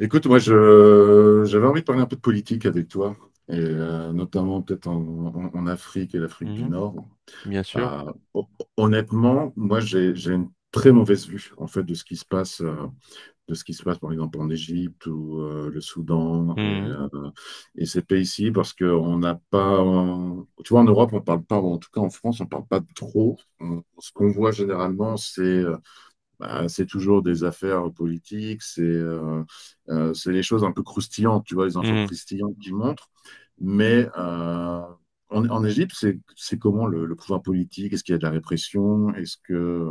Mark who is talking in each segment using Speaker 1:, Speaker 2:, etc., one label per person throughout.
Speaker 1: Écoute, moi, j'avais envie de parler un peu de politique avec toi, et notamment peut-être en Afrique et l'Afrique du
Speaker 2: Mhm,
Speaker 1: Nord.
Speaker 2: bien
Speaker 1: Euh,
Speaker 2: sûr.
Speaker 1: hon- honnêtement, moi, j'ai une très mauvaise vue, en fait, de ce qui se passe, de ce qui se passe, par exemple, en Égypte ou le Soudan et,
Speaker 2: Mhm,
Speaker 1: euh, et ces pays-ci, parce qu'on n'a pas, tu vois, en Europe, on parle pas, ou en tout cas en France, on parle pas trop. Ce qu'on voit généralement, c'est bah, c'est toujours des affaires politiques, c'est les choses un peu croustillantes, tu vois, les infos
Speaker 2: mhm,
Speaker 1: croustillantes qui montrent. Mais en Égypte, c'est comment le pouvoir politique? Est-ce qu'il y a de la répression?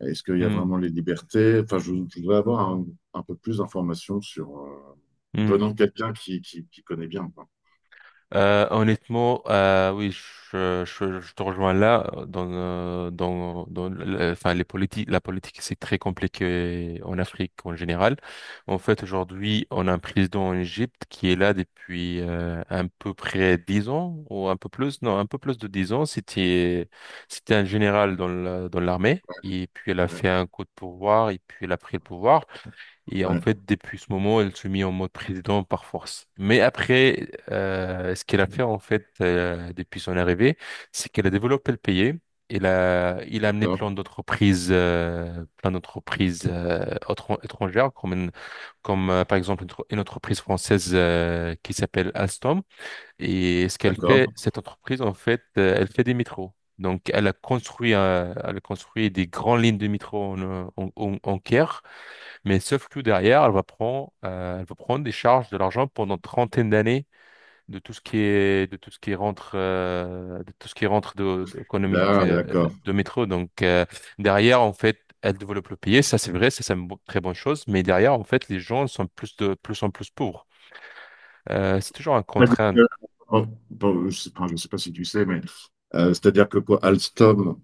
Speaker 1: Est-ce qu'il y a
Speaker 2: mhm,
Speaker 1: vraiment les libertés? Enfin, je voudrais avoir un peu plus d'informations sur
Speaker 2: mhm.
Speaker 1: venant de quelqu'un qui connaît bien. Quoi.
Speaker 2: Honnêtement, oui, je te rejoins là. Les politiques, la politique, c'est très compliqué en Afrique en général. En fait, aujourd'hui, on a un président en Égypte qui est là depuis à peu près 10 ans ou un peu plus, non, un peu plus de 10 ans. C'était un général dans l'armée. Et puis elle a
Speaker 1: Ouais,
Speaker 2: fait un coup de pouvoir et puis elle a pris le pouvoir. Et en
Speaker 1: ouais,
Speaker 2: fait, depuis ce moment, elle se mit en mode président par force. Mais après, ce qu'elle a fait, en fait, depuis son arrivée, c'est qu'elle a développé le pays. Il a amené
Speaker 1: d'accord,
Speaker 2: plein d'entreprises étrangères, comme par exemple une entreprise française qui s'appelle Alstom. Et ce qu'elle fait,
Speaker 1: d'accord.
Speaker 2: cette entreprise, en fait, elle fait des métros. Donc, elle a construit des grandes lignes de métro en Caire. Mais sauf que derrière, elle va prendre des charges de l'argent pendant une 30aine d'années de tout ce qui est, de tout ce qui rentre, de tout ce qui économique
Speaker 1: Là, d'accord.
Speaker 2: de métro. Derrière, en fait, elle développe le pays. Ça, c'est vrai, ça, c'est une très bonne chose. Mais derrière, en fait, les gens sont plus de plus en plus pauvres. C'est toujours un contrainte.
Speaker 1: C'est-à-dire que- bon, je sais pas si tu sais, mais c'est-à-dire que quoi, Alstom.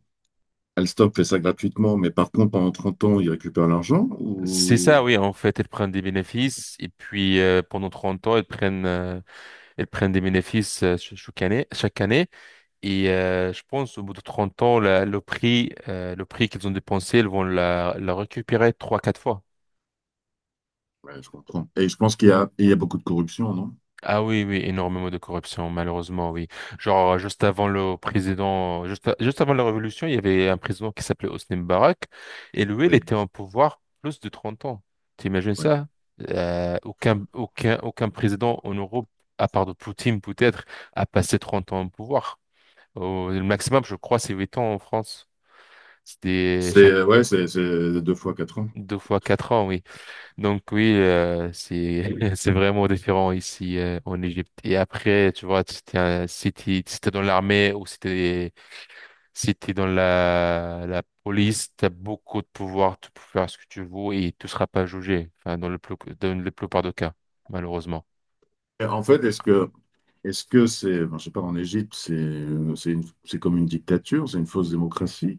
Speaker 1: Alstom fait ça gratuitement, mais par contre, pendant 30 ans, ils récupèrent l'argent
Speaker 2: C'est ça,
Speaker 1: ou...
Speaker 2: oui. En fait, elles prennent des bénéfices et puis pendant 30 ans, elles prennent des bénéfices chaque année, chaque année. Et je pense au bout de 30 ans, le prix qu'ils ont dépensé, ils vont la récupérer trois, 4 fois.
Speaker 1: Ouais, je comprends. Et je pense qu'il y a beaucoup de corruption, non?
Speaker 2: Ah oui, oui, énormément de corruption, malheureusement, oui. Genre, juste avant le président, juste avant la révolution, il y avait un président qui s'appelait Hosni Moubarak, et lui, il
Speaker 1: Oui,
Speaker 2: était en pouvoir plus de 30 ans. T'imagines
Speaker 1: oui.
Speaker 2: ça? Aucun président en Europe, à part de Poutine peut-être, a passé 30 ans en pouvoir. Le maximum, je crois, c'est 8 ans en France. C'était
Speaker 1: C'est ouais, c'est deux fois quatre ans.
Speaker 2: deux fois 4 ans, oui. Donc oui, c'est c'est vraiment différent ici en Égypte. Et après, tu vois, si t'es dans l'armée ou si t'es dans la police, t'as beaucoup de pouvoir, tu peux faire ce que tu veux et tu seras pas jugé. Enfin, dans le plus dans la plupart des cas, malheureusement.
Speaker 1: Et en fait, est-ce que c'est, ben, je sais pas, en Égypte, c'est comme une dictature, c'est une fausse démocratie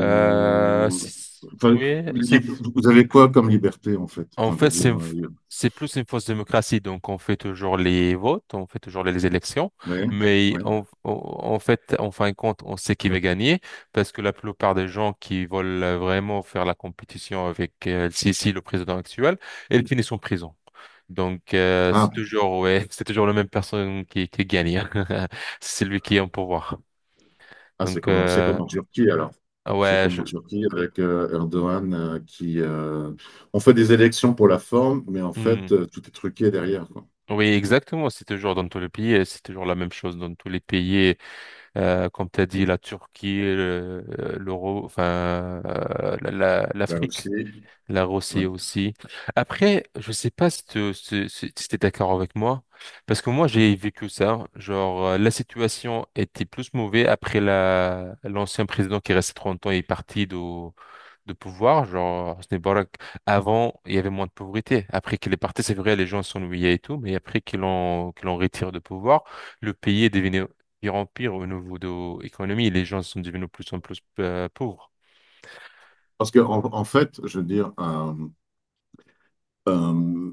Speaker 2: C'est-
Speaker 1: enfin,
Speaker 2: oui,
Speaker 1: li-
Speaker 2: c'est
Speaker 1: vous avez quoi comme liberté en fait?
Speaker 2: En
Speaker 1: Enfin, je veux
Speaker 2: fait,
Speaker 1: dire,
Speaker 2: c'est plus une fausse démocratie. Donc, on fait toujours les votes, on fait toujours les élections,
Speaker 1: ouais,
Speaker 2: mais
Speaker 1: ouais.
Speaker 2: en fait, en fin de compte, on sait qui va gagner parce que la plupart des gens qui veulent vraiment faire la compétition avec El-Sisi, le président actuel, ils finissent en prison. Donc,
Speaker 1: Ah,
Speaker 2: c'est toujours, ouais, c'est toujours la même personne qui gagne, hein. C'est lui qui est en pouvoir.
Speaker 1: Ah,
Speaker 2: Donc,
Speaker 1: c'est comme en Turquie alors. C'est
Speaker 2: ouais,
Speaker 1: comme
Speaker 2: je-
Speaker 1: en Turquie avec Erdogan qui... on fait des élections pour la forme, mais en
Speaker 2: hmm.
Speaker 1: fait, tout est truqué derrière, quoi.
Speaker 2: Oui, exactement. C'est toujours dans tous les pays, et c'est toujours la même chose dans tous les pays. Comme tu as dit, la Turquie,
Speaker 1: La
Speaker 2: l'Afrique.
Speaker 1: Russie.
Speaker 2: La Rossée
Speaker 1: Ouais.
Speaker 2: aussi. Après, je sais pas si tu es d'accord avec moi, parce que moi j'ai vécu ça. Genre, la situation était plus mauvaise après la l'ancien président qui est resté 30 ans et est parti de pouvoir. Genre, Hosni Mubarak, avant, il y avait moins de pauvreté. Après qu'il est parti, c'est vrai, les gens s'ennuyaient et tout, mais après qu'il en retire de pouvoir, le pays est devenu pire en pire au niveau de l'économie. Les gens sont devenus de plus en plus pauvres.
Speaker 1: Parce que en fait, je veux dire, Euh,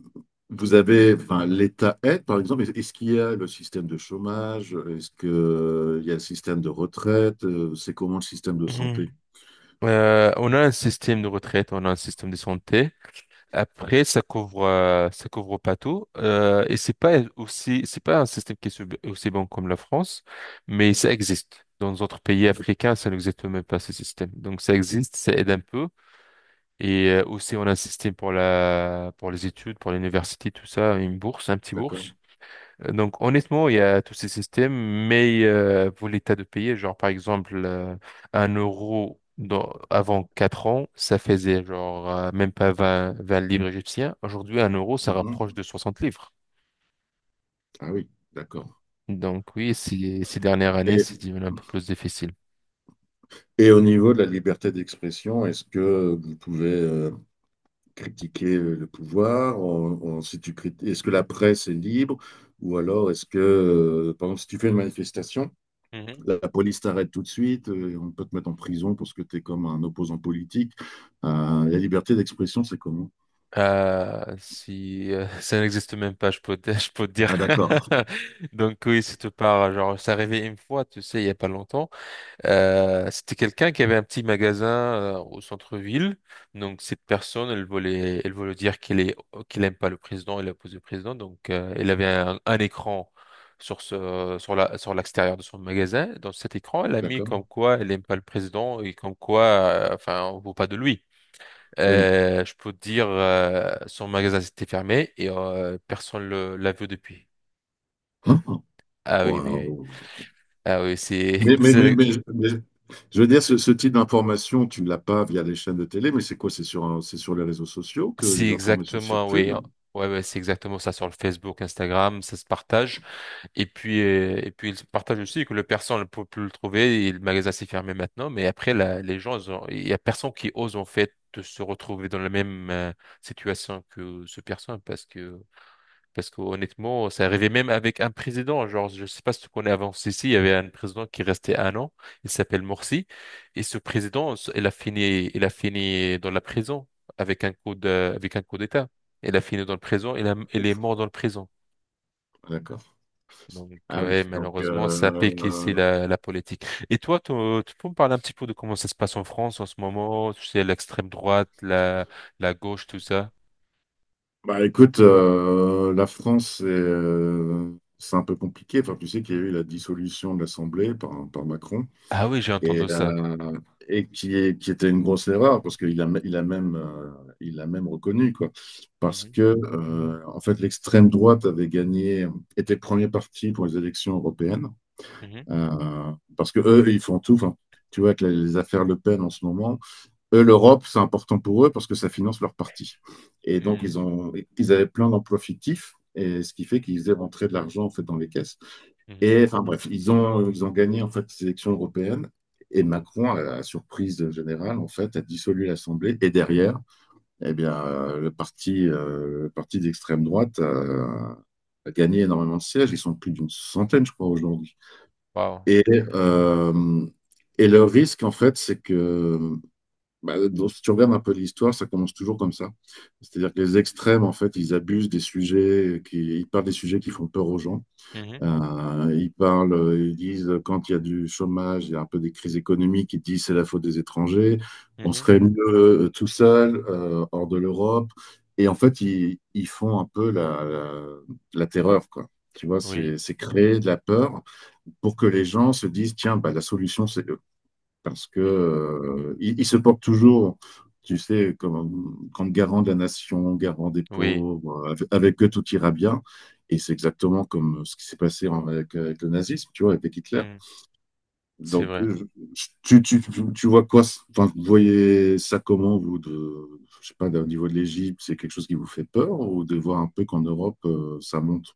Speaker 1: vous avez, enfin, l'État aide, par exemple, est-ce qu'il y a le système de chômage? Est-ce qu'il y a le système de retraite? C'est comment le système de santé?
Speaker 2: On a un système de retraite, on a un système de santé. Après, ça couvre pas tout. Et c'est pas aussi, c'est pas un système qui est aussi bon comme la France, mais ça existe. Dans d'autres pays africains, ça n'existe même pas ce système. Donc ça existe, ça aide un peu. Et aussi, on a un système pour pour les études, pour l'université, tout ça, une bourse, un petit
Speaker 1: D'accord?
Speaker 2: bourse. Donc honnêtement, il y a tous ces systèmes, mais pour l'état de payer, genre par exemple un euro avant 4 ans, ça faisait genre même pas vingt 20 livres égyptiens. Aujourd'hui, un euro, ça rapproche de
Speaker 1: Mhm.
Speaker 2: 60 livres.
Speaker 1: Ah oui, d'accord.
Speaker 2: Donc oui, ces dernières années,
Speaker 1: Et,
Speaker 2: c'est devenu un peu plus difficile.
Speaker 1: Et au niveau de la liberté d'expression, est-ce que vous pouvez critiquer le pouvoir? Si est-ce que la presse est libre? Ou alors est-ce que, par exemple, si tu fais une manifestation,
Speaker 2: Mhm.
Speaker 1: la police t'arrête tout de suite, on peut te mettre en prison parce que tu es comme un opposant politique. La liberté d'expression, c'est comment?
Speaker 2: Si ça n'existe même pas, je peux te, je peux te dire.
Speaker 1: Ah, d'accord.
Speaker 2: Donc oui, si tu pars, genre, ça arrivait une fois, tu sais, il y a pas longtemps. C'était quelqu'un qui avait un petit magasin au centre-ville. Donc cette personne, elle voulait dire qu'elle aime pas le président, elle oppose le président. Donc elle avait un écran sur ce, sur la, sur l'extérieur de son magasin. Dans cet écran, elle a mis
Speaker 1: D'accord?
Speaker 2: comme quoi elle aime pas le président et comme quoi, enfin, on ne veut pas de lui.
Speaker 1: Oui.
Speaker 2: Je peux te dire, son magasin s'était fermé et personne le l'a vu depuis.
Speaker 1: Ah,
Speaker 2: Ah oui, oui, oui.
Speaker 1: waouh.
Speaker 2: Ah oui,
Speaker 1: Mais,
Speaker 2: c'est
Speaker 1: mais, mais, mais, mais- je veux dire, ce type d'information, tu ne l'as pas via les chaînes de télé, mais c'est quoi? C'est sur les réseaux sociaux que
Speaker 2: c'est
Speaker 1: les informations
Speaker 2: exactement, oui,
Speaker 1: circulent?
Speaker 2: hein. Ouais, ouais, c'est exactement ça sur le Facebook, Instagram, ça se partage. Et puis il se partage aussi que le personne ne peut plus le trouver et le magasin s'est fermé maintenant. Mais après, les gens, il y a personne qui ose en fait de se retrouver dans la même situation que ce personne parce que honnêtement, ça arrivait même avec un président. Genre, je sais pas si tu connais avant Sissi, il y avait un président qui restait 1 an. Il s'appelle Morsi. Et ce président, il a fini dans la prison avec un avec un coup d'État. Il a fini dans le prison. Il
Speaker 1: Ouf,
Speaker 2: est mort dans le prison.
Speaker 1: d'accord.
Speaker 2: Donc,
Speaker 1: Ah oui, donc...
Speaker 2: malheureusement, ça pique ici la politique. Et toi, tu peux me parler un petit peu de comment ça se passe en France en ce moment? Tu sais, l'extrême droite, la gauche, tout ça.
Speaker 1: Bah écoute, la France, c'est un peu compliqué. Enfin, tu sais qu'il y a eu la dissolution de l'Assemblée par Macron
Speaker 2: Ah oui, j'ai
Speaker 1: et,
Speaker 2: entendu ça.
Speaker 1: euh, et qui était une grosse erreur parce qu'il a même reconnu quoi. Parce
Speaker 2: Mhm,
Speaker 1: que en fait, l'extrême droite avait gagné, était premier parti pour les élections européennes
Speaker 2: mhm,
Speaker 1: euh, parce que eux, ils font tout. Enfin, tu vois, avec les affaires Le Pen en ce moment. Eux, l'Europe, c'est important pour eux parce que ça finance leur parti. Et donc,
Speaker 2: mhm,
Speaker 1: ils avaient plein d'emplois fictifs et ce qui fait qu'ils faisaient rentrer de l'argent en fait dans les caisses.
Speaker 2: mhm.
Speaker 1: Et enfin bref, ils ont gagné en fait les élections européennes et Macron, à la surprise générale, en fait, a dissolu l'Assemblée et derrière, eh bien, le parti d'extrême droite a gagné énormément de sièges. Ils sont plus d'une centaine, je crois, aujourd'hui.
Speaker 2: Wow.
Speaker 1: Et, euh, et le risque, en fait, c'est que bah, si tu regardes un peu l'histoire, ça commence toujours comme ça. C'est-à-dire que les extrêmes, en fait, ils parlent des sujets qui font peur aux gens.
Speaker 2: Mhm,
Speaker 1: Ils disent quand il y a du chômage, il y a un peu des crises économiques, ils disent c'est la faute des étrangers, on
Speaker 2: mhm,
Speaker 1: serait mieux tout seul, hors de l'Europe. Et en fait, ils font un peu la terreur, quoi. Tu vois,
Speaker 2: oui,
Speaker 1: c'est créer de la peur pour que les gens se disent, tiens, bah, la solution, c'est eux parce que
Speaker 2: mhm,
Speaker 1: il se porte toujours, tu sais, comme garant de la nation, garant des
Speaker 2: oui,
Speaker 1: pauvres, avec eux tout ira bien. Et c'est exactement comme ce qui s'est passé avec le nazisme, tu vois, avec Hitler.
Speaker 2: mhm. c'est
Speaker 1: Donc,
Speaker 2: vrai.
Speaker 1: vois quoi, enfin, vous voyez ça comment, vous, de, je sais pas, au niveau de l'Égypte, c'est quelque chose qui vous fait peur ou de voir un peu qu'en Europe, ça monte?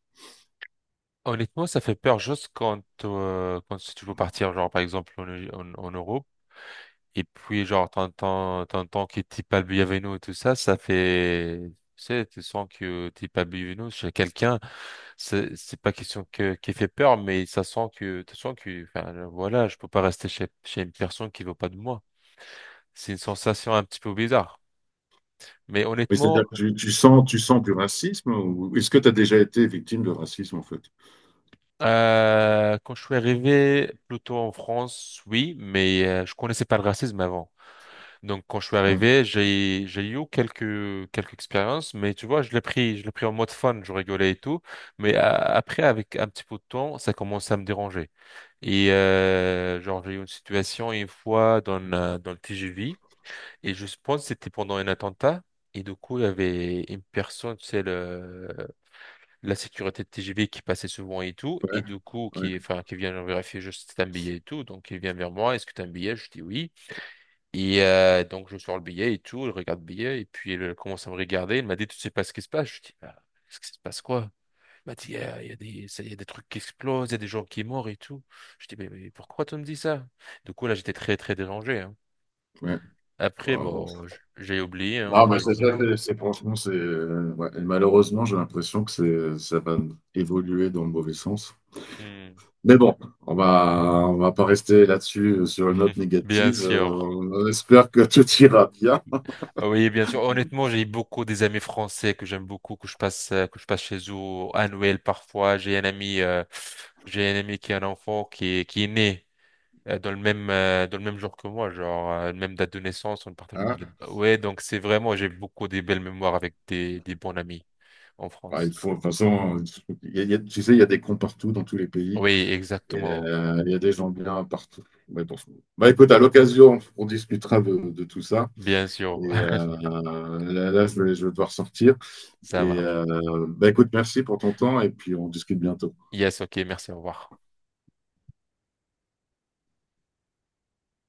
Speaker 2: Honnêtement, ça fait peur juste quand, quand tu veux partir, genre par exemple en Europe, et puis genre t'entends que t'es pas le bienvenu et tout ça, ça fait, tu sais, tu sens que t'es pas le bienvenu chez quelqu'un, c'est pas question que, qui fait peur, mais ça sent que, tu sens que, enfin voilà, je peux pas rester chez, chez une personne qui veut pas de moi. C'est une sensation un petit peu bizarre. Mais
Speaker 1: Oui,
Speaker 2: honnêtement,
Speaker 1: c'est-à-dire que tu sens du racisme ou est-ce que tu as déjà été victime de racisme, en fait?
Speaker 2: Quand je suis arrivé plutôt en France, oui, mais je connaissais pas le racisme avant. Donc quand je suis
Speaker 1: Ah,
Speaker 2: arrivé, j'ai eu quelques quelques expériences, mais tu vois, je l'ai pris en mode fun, je rigolais et tout. Mais après, avec un petit peu de temps, ça commençait à me déranger. Et genre j'ai eu une situation une fois dans le TGV et je pense que c'était pendant un attentat. Et du coup, il y avait une personne, tu sais, la sécurité de TGV qui passait souvent et tout, et
Speaker 1: ouais,
Speaker 2: du coup,
Speaker 1: ouais,
Speaker 2: qui vient vérifier juste si t'as un billet et tout, donc il vient vers moi, est-ce que t'as un billet? Je dis oui. Et donc je sors le billet et tout, il regarde le billet, et puis il commence à me regarder, il m'a dit, tu sais pas ce qui se passe? Je dis, bah, ce qui se passe quoi? Il m'a dit, il y a des, il y a des trucs qui explosent, il y a des gens qui sont morts et tout. Je dis, mais pourquoi tu me dis ça? Du coup, là, j'étais très, très dérangé, hein.
Speaker 1: ouais.
Speaker 2: Après,
Speaker 1: Waouh.
Speaker 2: bon, j'ai oublié,
Speaker 1: Non,
Speaker 2: hein,
Speaker 1: mais
Speaker 2: j'ai
Speaker 1: c'est
Speaker 2: pas.
Speaker 1: ça, franchement, c'est. Ouais. Et malheureusement, j'ai l'impression que c'est, ça va évoluer dans le mauvais sens.
Speaker 2: Hmm.
Speaker 1: Mais bon, on va pas rester là-dessus sur une note
Speaker 2: Bien
Speaker 1: négative.
Speaker 2: sûr.
Speaker 1: On espère que tout ira bien.
Speaker 2: Oui, bien sûr. Honnêtement, j'ai beaucoup des amis français que j'aime beaucoup, que je passe chez eux à Noël parfois. J'ai un ami qui a un enfant qui est né dans le même jour que moi, genre même date de naissance, on partage le
Speaker 1: Hein.
Speaker 2: même. Ouais, donc c'est vraiment, j'ai beaucoup des belles mémoires avec des bons amis en
Speaker 1: Ouais, il
Speaker 2: France.
Speaker 1: faut, de toute façon, tu sais, il y a des cons partout dans tous les pays.
Speaker 2: Oui,
Speaker 1: Et,
Speaker 2: exactement.
Speaker 1: il y a des gens bien partout. Ouais, bon. Bah, écoute, à l'occasion, on discutera de tout ça.
Speaker 2: Bien sûr,
Speaker 1: Et là, je vais devoir sortir.
Speaker 2: ça
Speaker 1: Et
Speaker 2: marche.
Speaker 1: bah, écoute, merci pour ton temps et puis on discute bientôt.
Speaker 2: Yes, ok, merci, au revoir.